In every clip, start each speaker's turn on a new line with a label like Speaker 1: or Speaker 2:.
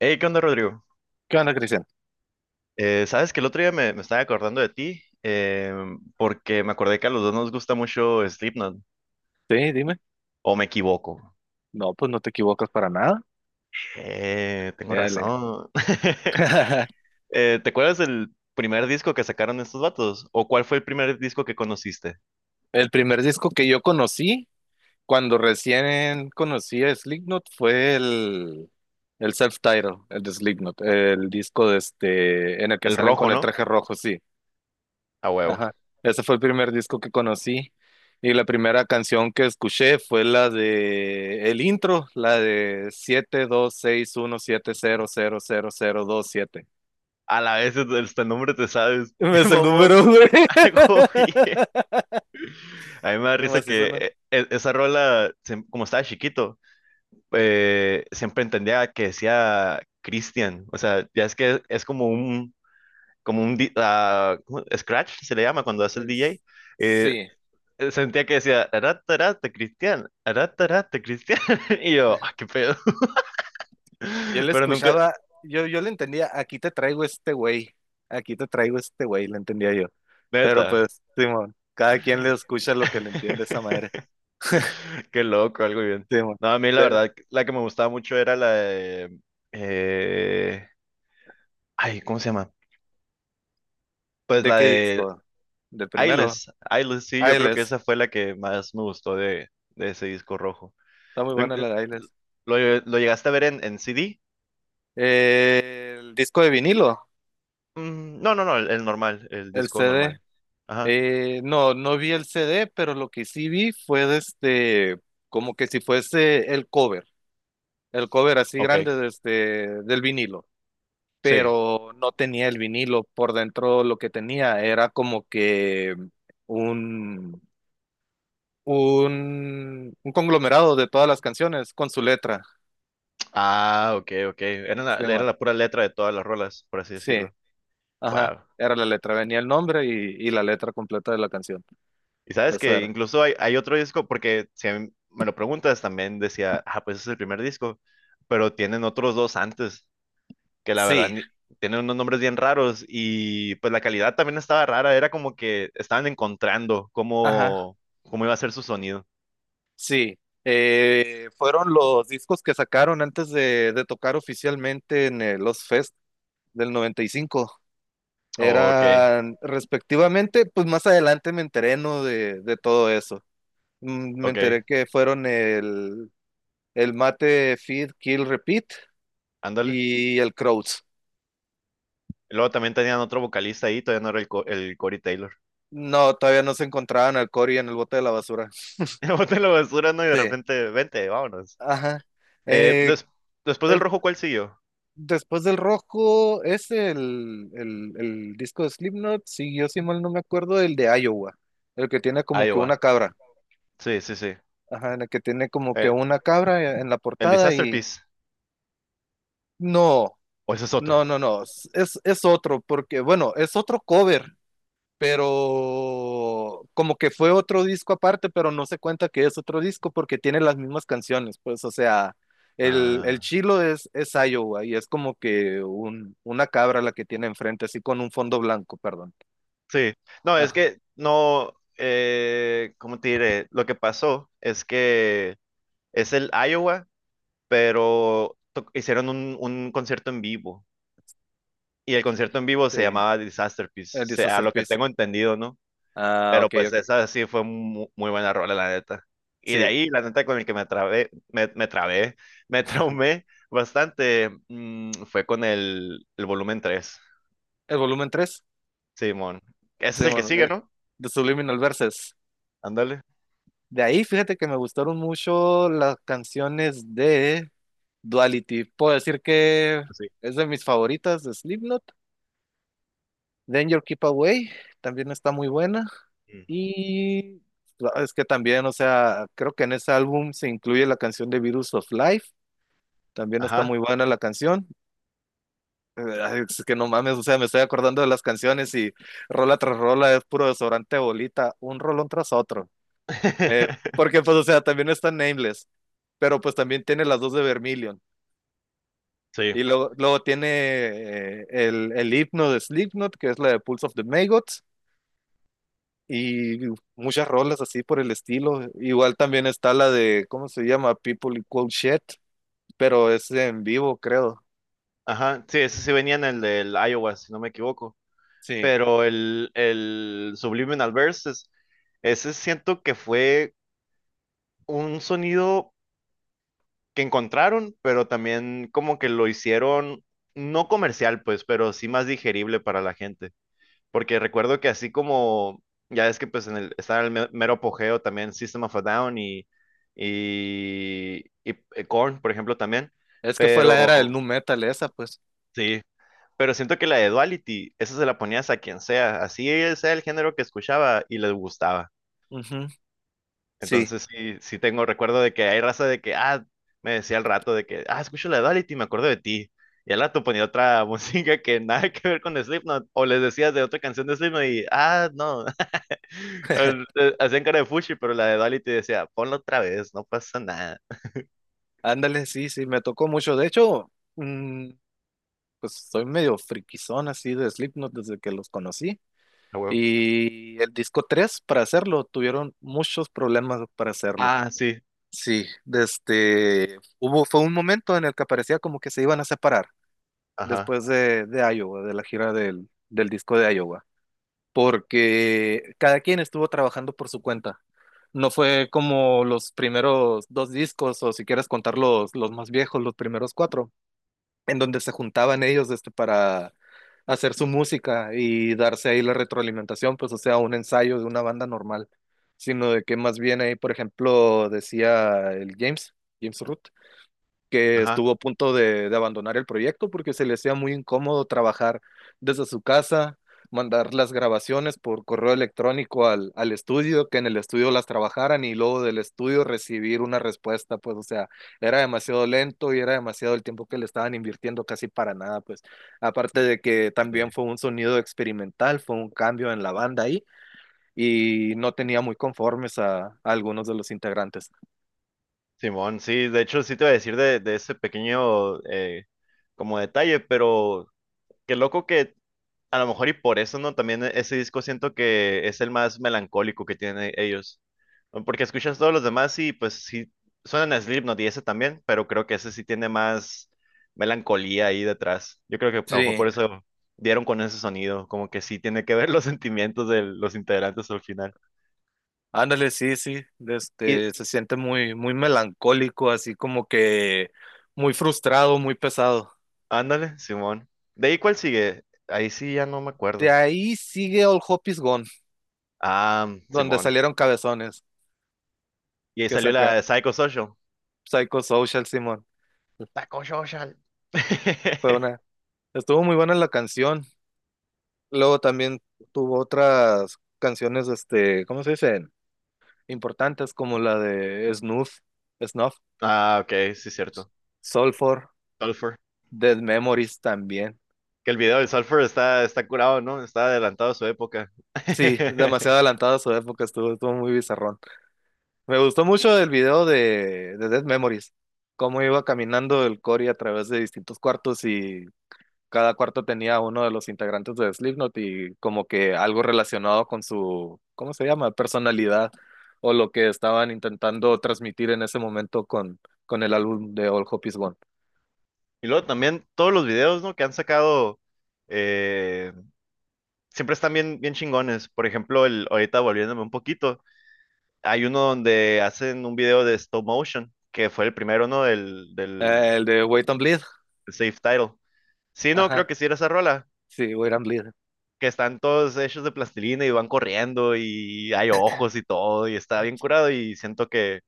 Speaker 1: Hey, ¿qué onda, Rodrigo?
Speaker 2: ¿Qué onda, Cristian?
Speaker 1: Sabes que el otro día me estaba acordando de ti, porque me acordé que a los dos nos gusta mucho Slipknot,
Speaker 2: Sí, dime.
Speaker 1: o me equivoco.
Speaker 2: No, pues no te equivocas para nada.
Speaker 1: Tengo
Speaker 2: Dale.
Speaker 1: razón. ¿Te acuerdas del primer disco que sacaron estos vatos? ¿O cuál fue el primer disco que conociste?
Speaker 2: El primer disco que yo conocí, cuando recién conocí a Slipknot, fue el self titled, el de Slipknot, el disco de este, en el que
Speaker 1: El
Speaker 2: salen
Speaker 1: rojo,
Speaker 2: con el
Speaker 1: ¿no?
Speaker 2: traje rojo, sí.
Speaker 1: A huevo.
Speaker 2: Ajá. Ese fue el primer disco que conocí. Y la primera canción que escuché fue la de el intro, la de 742617000027.
Speaker 1: A la vez hasta el nombre te sabes.
Speaker 2: Me
Speaker 1: ¡Qué
Speaker 2: Es el
Speaker 1: mamón!
Speaker 2: número, güey.
Speaker 1: Algo bien. A mí me da
Speaker 2: ¿Qué
Speaker 1: risa
Speaker 2: más
Speaker 1: que
Speaker 2: hizo, no?
Speaker 1: esa rola, como estaba chiquito, siempre entendía que decía Christian. O sea, ya es que es como un ¿cómo? Scratch, se le llama cuando hace el
Speaker 2: Es-
Speaker 1: DJ. Eh,
Speaker 2: Sí,
Speaker 1: sentía que decía, arata, arata, Cristian, arata, arata, Cristian. Y yo, ah, qué pedo.
Speaker 2: yo le
Speaker 1: Pero nunca,
Speaker 2: escuchaba, yo le entendía, aquí te traigo este güey, aquí te traigo este güey, le entendía yo. Pero
Speaker 1: neta.
Speaker 2: pues, Simón, cada quien le escucha lo que le entiende esa madre.
Speaker 1: Qué loco, algo bien.
Speaker 2: Simón,
Speaker 1: No, a mí la
Speaker 2: ¿de,
Speaker 1: verdad, la que me gustaba mucho era la de... eh, ay, ¿cómo se llama? Pues
Speaker 2: de
Speaker 1: la
Speaker 2: qué
Speaker 1: de
Speaker 2: disco? De primero,
Speaker 1: Eyeless, sí, yo creo que
Speaker 2: Ailes,
Speaker 1: esa fue la que más me gustó de ese disco rojo.
Speaker 2: está muy
Speaker 1: ¿Lo,
Speaker 2: buena la de Ailes.
Speaker 1: ¿Lo llegaste a ver en CD?
Speaker 2: El disco de vinilo,
Speaker 1: Mm, no, no, no, el normal, el
Speaker 2: el
Speaker 1: disco
Speaker 2: CD.
Speaker 1: normal. Ajá,
Speaker 2: No, no vi el CD, pero lo que sí vi fue de este, como que si fuese el cover así
Speaker 1: ok,
Speaker 2: grande del vinilo,
Speaker 1: sí.
Speaker 2: pero no tenía el vinilo por dentro, lo que tenía era como que un, un conglomerado de todas las canciones con su letra,
Speaker 1: Ah, ok, ok. Era
Speaker 2: se
Speaker 1: era
Speaker 2: llama.
Speaker 1: la pura letra de todas las rolas, por así
Speaker 2: Sí,
Speaker 1: decirlo.
Speaker 2: ajá,
Speaker 1: Wow.
Speaker 2: era la letra, venía el nombre y la letra completa de la canción,
Speaker 1: Y sabes
Speaker 2: esa
Speaker 1: que
Speaker 2: era.
Speaker 1: incluso hay otro disco, porque si a mí me lo preguntas, también decía, ah, pues es el primer disco, pero tienen otros dos antes. Que la verdad
Speaker 2: Sí,
Speaker 1: tienen unos nombres bien raros y pues la calidad también estaba rara, era como que estaban encontrando
Speaker 2: ajá.
Speaker 1: cómo, cómo iba a ser su sonido.
Speaker 2: Sí, fueron los discos que sacaron antes de tocar oficialmente en el Los Fest del 95.
Speaker 1: Oh, ok,
Speaker 2: Eran respectivamente, pues más adelante me enteré, ¿no? de todo eso. Me
Speaker 1: ok,
Speaker 2: enteré que fueron el Mate, Feed, Kill, Repeat
Speaker 1: ándale.
Speaker 2: y el Crowds.
Speaker 1: Y luego también tenían otro vocalista ahí, todavía no era el Corey Taylor.
Speaker 2: No, todavía no se encontraban al Cory en el bote de la basura.
Speaker 1: Y boté la basura, ¿no? Y de
Speaker 2: Sí,
Speaker 1: repente, vente, vámonos.
Speaker 2: ajá.
Speaker 1: Eh,
Speaker 2: Eh,
Speaker 1: des- Después del rojo, ¿cuál siguió?
Speaker 2: Después del rojo es el disco de Slipknot, si mal no me acuerdo, el de Iowa, el que tiene como que
Speaker 1: Iowa.
Speaker 2: una cabra,
Speaker 1: Sí, sí, sí.
Speaker 2: ajá, en el que tiene como que
Speaker 1: Eh,
Speaker 2: una cabra en la
Speaker 1: el
Speaker 2: portada
Speaker 1: Disaster
Speaker 2: y
Speaker 1: Piece.
Speaker 2: no,
Speaker 1: O ese es otro.
Speaker 2: no, no, no, es otro, porque bueno, es otro cover, pero como que fue otro disco aparte, pero no se cuenta que es otro disco porque tiene las mismas canciones, pues, o sea, el
Speaker 1: Ah.
Speaker 2: chilo es Iowa y es como que una cabra la que tiene enfrente, así con un fondo blanco, perdón.
Speaker 1: Sí, no, es
Speaker 2: Ah,
Speaker 1: que no, ¿cómo te diré? Lo que pasó es que es el Iowa, pero hicieron un concierto en vivo y el concierto en vivo se
Speaker 2: sí,
Speaker 1: llamaba Disaster Piece,
Speaker 2: el
Speaker 1: se- a
Speaker 2: Disaster
Speaker 1: lo que
Speaker 2: Piece.
Speaker 1: tengo entendido, ¿no?
Speaker 2: Ah,
Speaker 1: Pero
Speaker 2: ok,
Speaker 1: pues
Speaker 2: ok.
Speaker 1: esa sí fue muy buena rola, la neta. Y de
Speaker 2: Sí,
Speaker 1: ahí, la neta, con el que me trabé, me traumé bastante, fue con el volumen 3,
Speaker 2: el volumen tres,
Speaker 1: Simón. Ese es
Speaker 2: sí,
Speaker 1: el que
Speaker 2: bueno,
Speaker 1: sigue, ¿no?
Speaker 2: The Subliminal Verses.
Speaker 1: Ándale.
Speaker 2: De ahí, fíjate que me gustaron mucho las canciones de Duality. Puedo decir que
Speaker 1: Pues sí.
Speaker 2: es de mis favoritas de Slipknot. Danger Keep Away también está muy buena.
Speaker 1: Mm.
Speaker 2: Y es que también, o sea, creo que en ese álbum se incluye la canción de Virus of Life. También está
Speaker 1: Ajá.
Speaker 2: muy buena la canción. Ay, es que no mames, o sea, me estoy acordando de las canciones y rola tras rola es puro desodorante de bolita, un rolón tras otro. Eh, Porque, pues, o sea, también está Nameless, pero pues también tiene las dos de Vermilion.
Speaker 1: Sí,
Speaker 2: Y luego, luego tiene el himno de Slipknot, que es la de Pulse of the Maggots. Y muchas rolas así por el estilo. Igual también está la de, ¿cómo se llama? People Equal Shit, pero es en vivo, creo.
Speaker 1: ajá, sí, ese sí venía en el del Iowa, si no me equivoco.
Speaker 2: Sí,
Speaker 1: Pero el Subliminal Verses, ese siento que fue un sonido que encontraron, pero también como que lo hicieron no comercial, pues, pero sí más digerible para la gente. Porque recuerdo que así como, ya es que pues en el, estaba el mero apogeo también System of a Down y, Korn, por ejemplo, también.
Speaker 2: es que fue la
Speaker 1: Pero
Speaker 2: era del nu metal esa, pues.
Speaker 1: sí. Pero siento que la de Duality, esa se la ponías a quien sea, así sea el género que escuchaba y les gustaba.
Speaker 2: Ujú, sí,
Speaker 1: Entonces sí, sí tengo recuerdo de que hay raza de que, ah, me decía al rato de que, ah, escucho la de Duality, me acuerdo de ti. Y al rato ponía otra música que nada que ver con Slipknot, o les decías de otra canción de Slipknot y, ah, no, hacían cara de fuchi, pero la de Duality decía, ponla otra vez, no pasa nada.
Speaker 2: ándale, sí, sí, me tocó mucho. De hecho, mm, pues soy medio friquizón así de Slipknot desde que los conocí.
Speaker 1: A huevo.
Speaker 2: Y el disco 3 para hacerlo, tuvieron muchos problemas para hacerlo.
Speaker 1: Ah, sí,
Speaker 2: Sí, desde hubo fue un momento en el que parecía como que se iban a separar
Speaker 1: ajá,
Speaker 2: después de Iowa, de la gira del disco de Iowa, porque cada quien estuvo trabajando por su cuenta. No fue como los primeros dos discos, o si quieres contar los más viejos, los primeros cuatro, en donde se juntaban ellos este, para hacer su música y darse ahí la retroalimentación, pues o sea, un ensayo de una banda normal, sino de que más bien ahí, por ejemplo, decía el James, James Root, que
Speaker 1: ajá,
Speaker 2: estuvo a punto de abandonar el proyecto porque se le hacía muy incómodo trabajar desde su casa, mandar las grabaciones por correo electrónico al estudio, que en el estudio las trabajaran y luego del estudio recibir una respuesta, pues o sea, era demasiado lento y era demasiado el tiempo que le estaban invirtiendo casi para nada, pues aparte de que también
Speaker 1: sí.
Speaker 2: fue un sonido experimental, fue un cambio en la banda ahí y no tenía muy conformes a algunos de los integrantes.
Speaker 1: Simón, sí, de hecho sí te iba a decir de ese pequeño como detalle, pero qué loco que a lo mejor y por eso, ¿no? También ese disco siento que es el más melancólico que tienen ellos, ¿no? Porque escuchas todos los demás y pues sí, suenan a Slipknot y ese también, pero creo que ese sí tiene más melancolía ahí detrás. Yo creo que a lo mejor por
Speaker 2: Sí,
Speaker 1: eso dieron con ese sonido, como que sí tiene que ver los sentimientos de los integrantes al final.
Speaker 2: ándale, sí, sí,
Speaker 1: Y
Speaker 2: este, se siente muy, muy melancólico, así como que muy frustrado, muy pesado.
Speaker 1: ándale, Simón. ¿De ahí cuál sigue? Ahí sí ya no me
Speaker 2: De
Speaker 1: acuerdo.
Speaker 2: ahí sigue All Hope Is Gone,
Speaker 1: Ah,
Speaker 2: donde
Speaker 1: Simón.
Speaker 2: salieron cabezones
Speaker 1: Y ahí
Speaker 2: que
Speaker 1: salió la
Speaker 2: sacar
Speaker 1: de Psychosocial.
Speaker 2: Psychosocial, Simón.
Speaker 1: Taco Social.
Speaker 2: Fue una, Estuvo muy buena la canción. Luego también tuvo otras canciones, este, ¿cómo se dicen? Importantes como la de Snuff, Snuff,
Speaker 1: Ah, ok, sí, cierto.
Speaker 2: Soulfor,
Speaker 1: Sulfur.
Speaker 2: Dead Memories también.
Speaker 1: Que el video del Sulfur está, está curado, ¿no? Está adelantado a su época.
Speaker 2: Sí, demasiado adelantada a su época, estuvo muy bizarrón. Me gustó mucho el video de Dead Memories, cómo iba caminando el Cory a través de distintos cuartos y cada cuarto tenía uno de los integrantes de Slipknot y como que algo relacionado con su, ¿cómo se llama? Personalidad o lo que estaban intentando transmitir en ese momento con, el álbum de All Hope Is Gone.
Speaker 1: Y luego también todos los videos, ¿no? Que han sacado. eh, Siempre están bien, bien chingones. Por ejemplo, el, ahorita volviéndome un poquito, hay uno donde hacen un video de stop motion, que fue el primero, ¿no?
Speaker 2: El de Wait and Bleed.
Speaker 1: Del Safe Title. Sí, no, creo
Speaker 2: Ajá,
Speaker 1: que sí era esa rola.
Speaker 2: sí, Wait and Bleed.
Speaker 1: Que están todos hechos de plastilina y van corriendo y hay ojos y todo y está bien curado y siento que,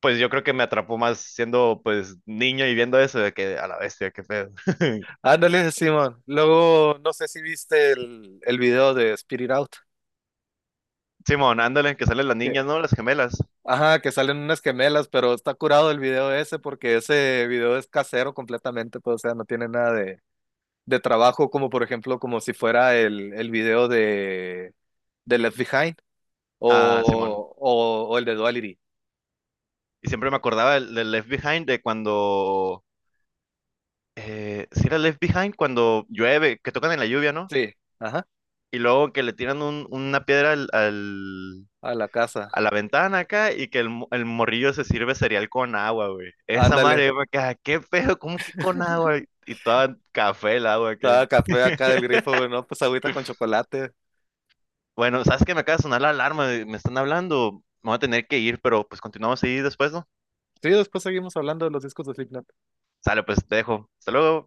Speaker 1: pues yo creo que me atrapó más siendo pues niño y viendo eso de que a la bestia, qué pedo.
Speaker 2: Ándale, Simón. Luego, no sé si viste el video de Spirit Out.
Speaker 1: Simón, ándale, que salen las
Speaker 2: Que
Speaker 1: niñas, ¿no? Las gemelas.
Speaker 2: Ajá, que salen unas gemelas, pero está curado el video ese porque ese video es casero completamente, pues, o sea, no tiene nada de trabajo, como por ejemplo, como si fuera el video de Left Behind
Speaker 1: Ah, Simón.
Speaker 2: o el de Duality.
Speaker 1: Y siempre me acordaba del, del Left Behind de cuando, si era Left Behind cuando llueve, que tocan en la lluvia, ¿no?
Speaker 2: Sí, ajá,
Speaker 1: Y luego que le tiran una piedra al,
Speaker 2: a la casa.
Speaker 1: a la ventana acá y que el morrillo se sirve cereal con agua, güey. Esa
Speaker 2: Ándale,
Speaker 1: madre, yo me quedaba, ¿qué pedo? ¿Cómo que con agua? Y toda café el agua que...
Speaker 2: estaba café acá del grifo, güey, no, pues agüita con chocolate.
Speaker 1: Bueno, sabes que me acaba de sonar la alarma, me están hablando, me voy a tener que ir, pero pues continuamos ahí después, ¿no?
Speaker 2: Sí, después seguimos hablando de los discos de Slipknot.
Speaker 1: Sale, pues te dejo. Hasta luego.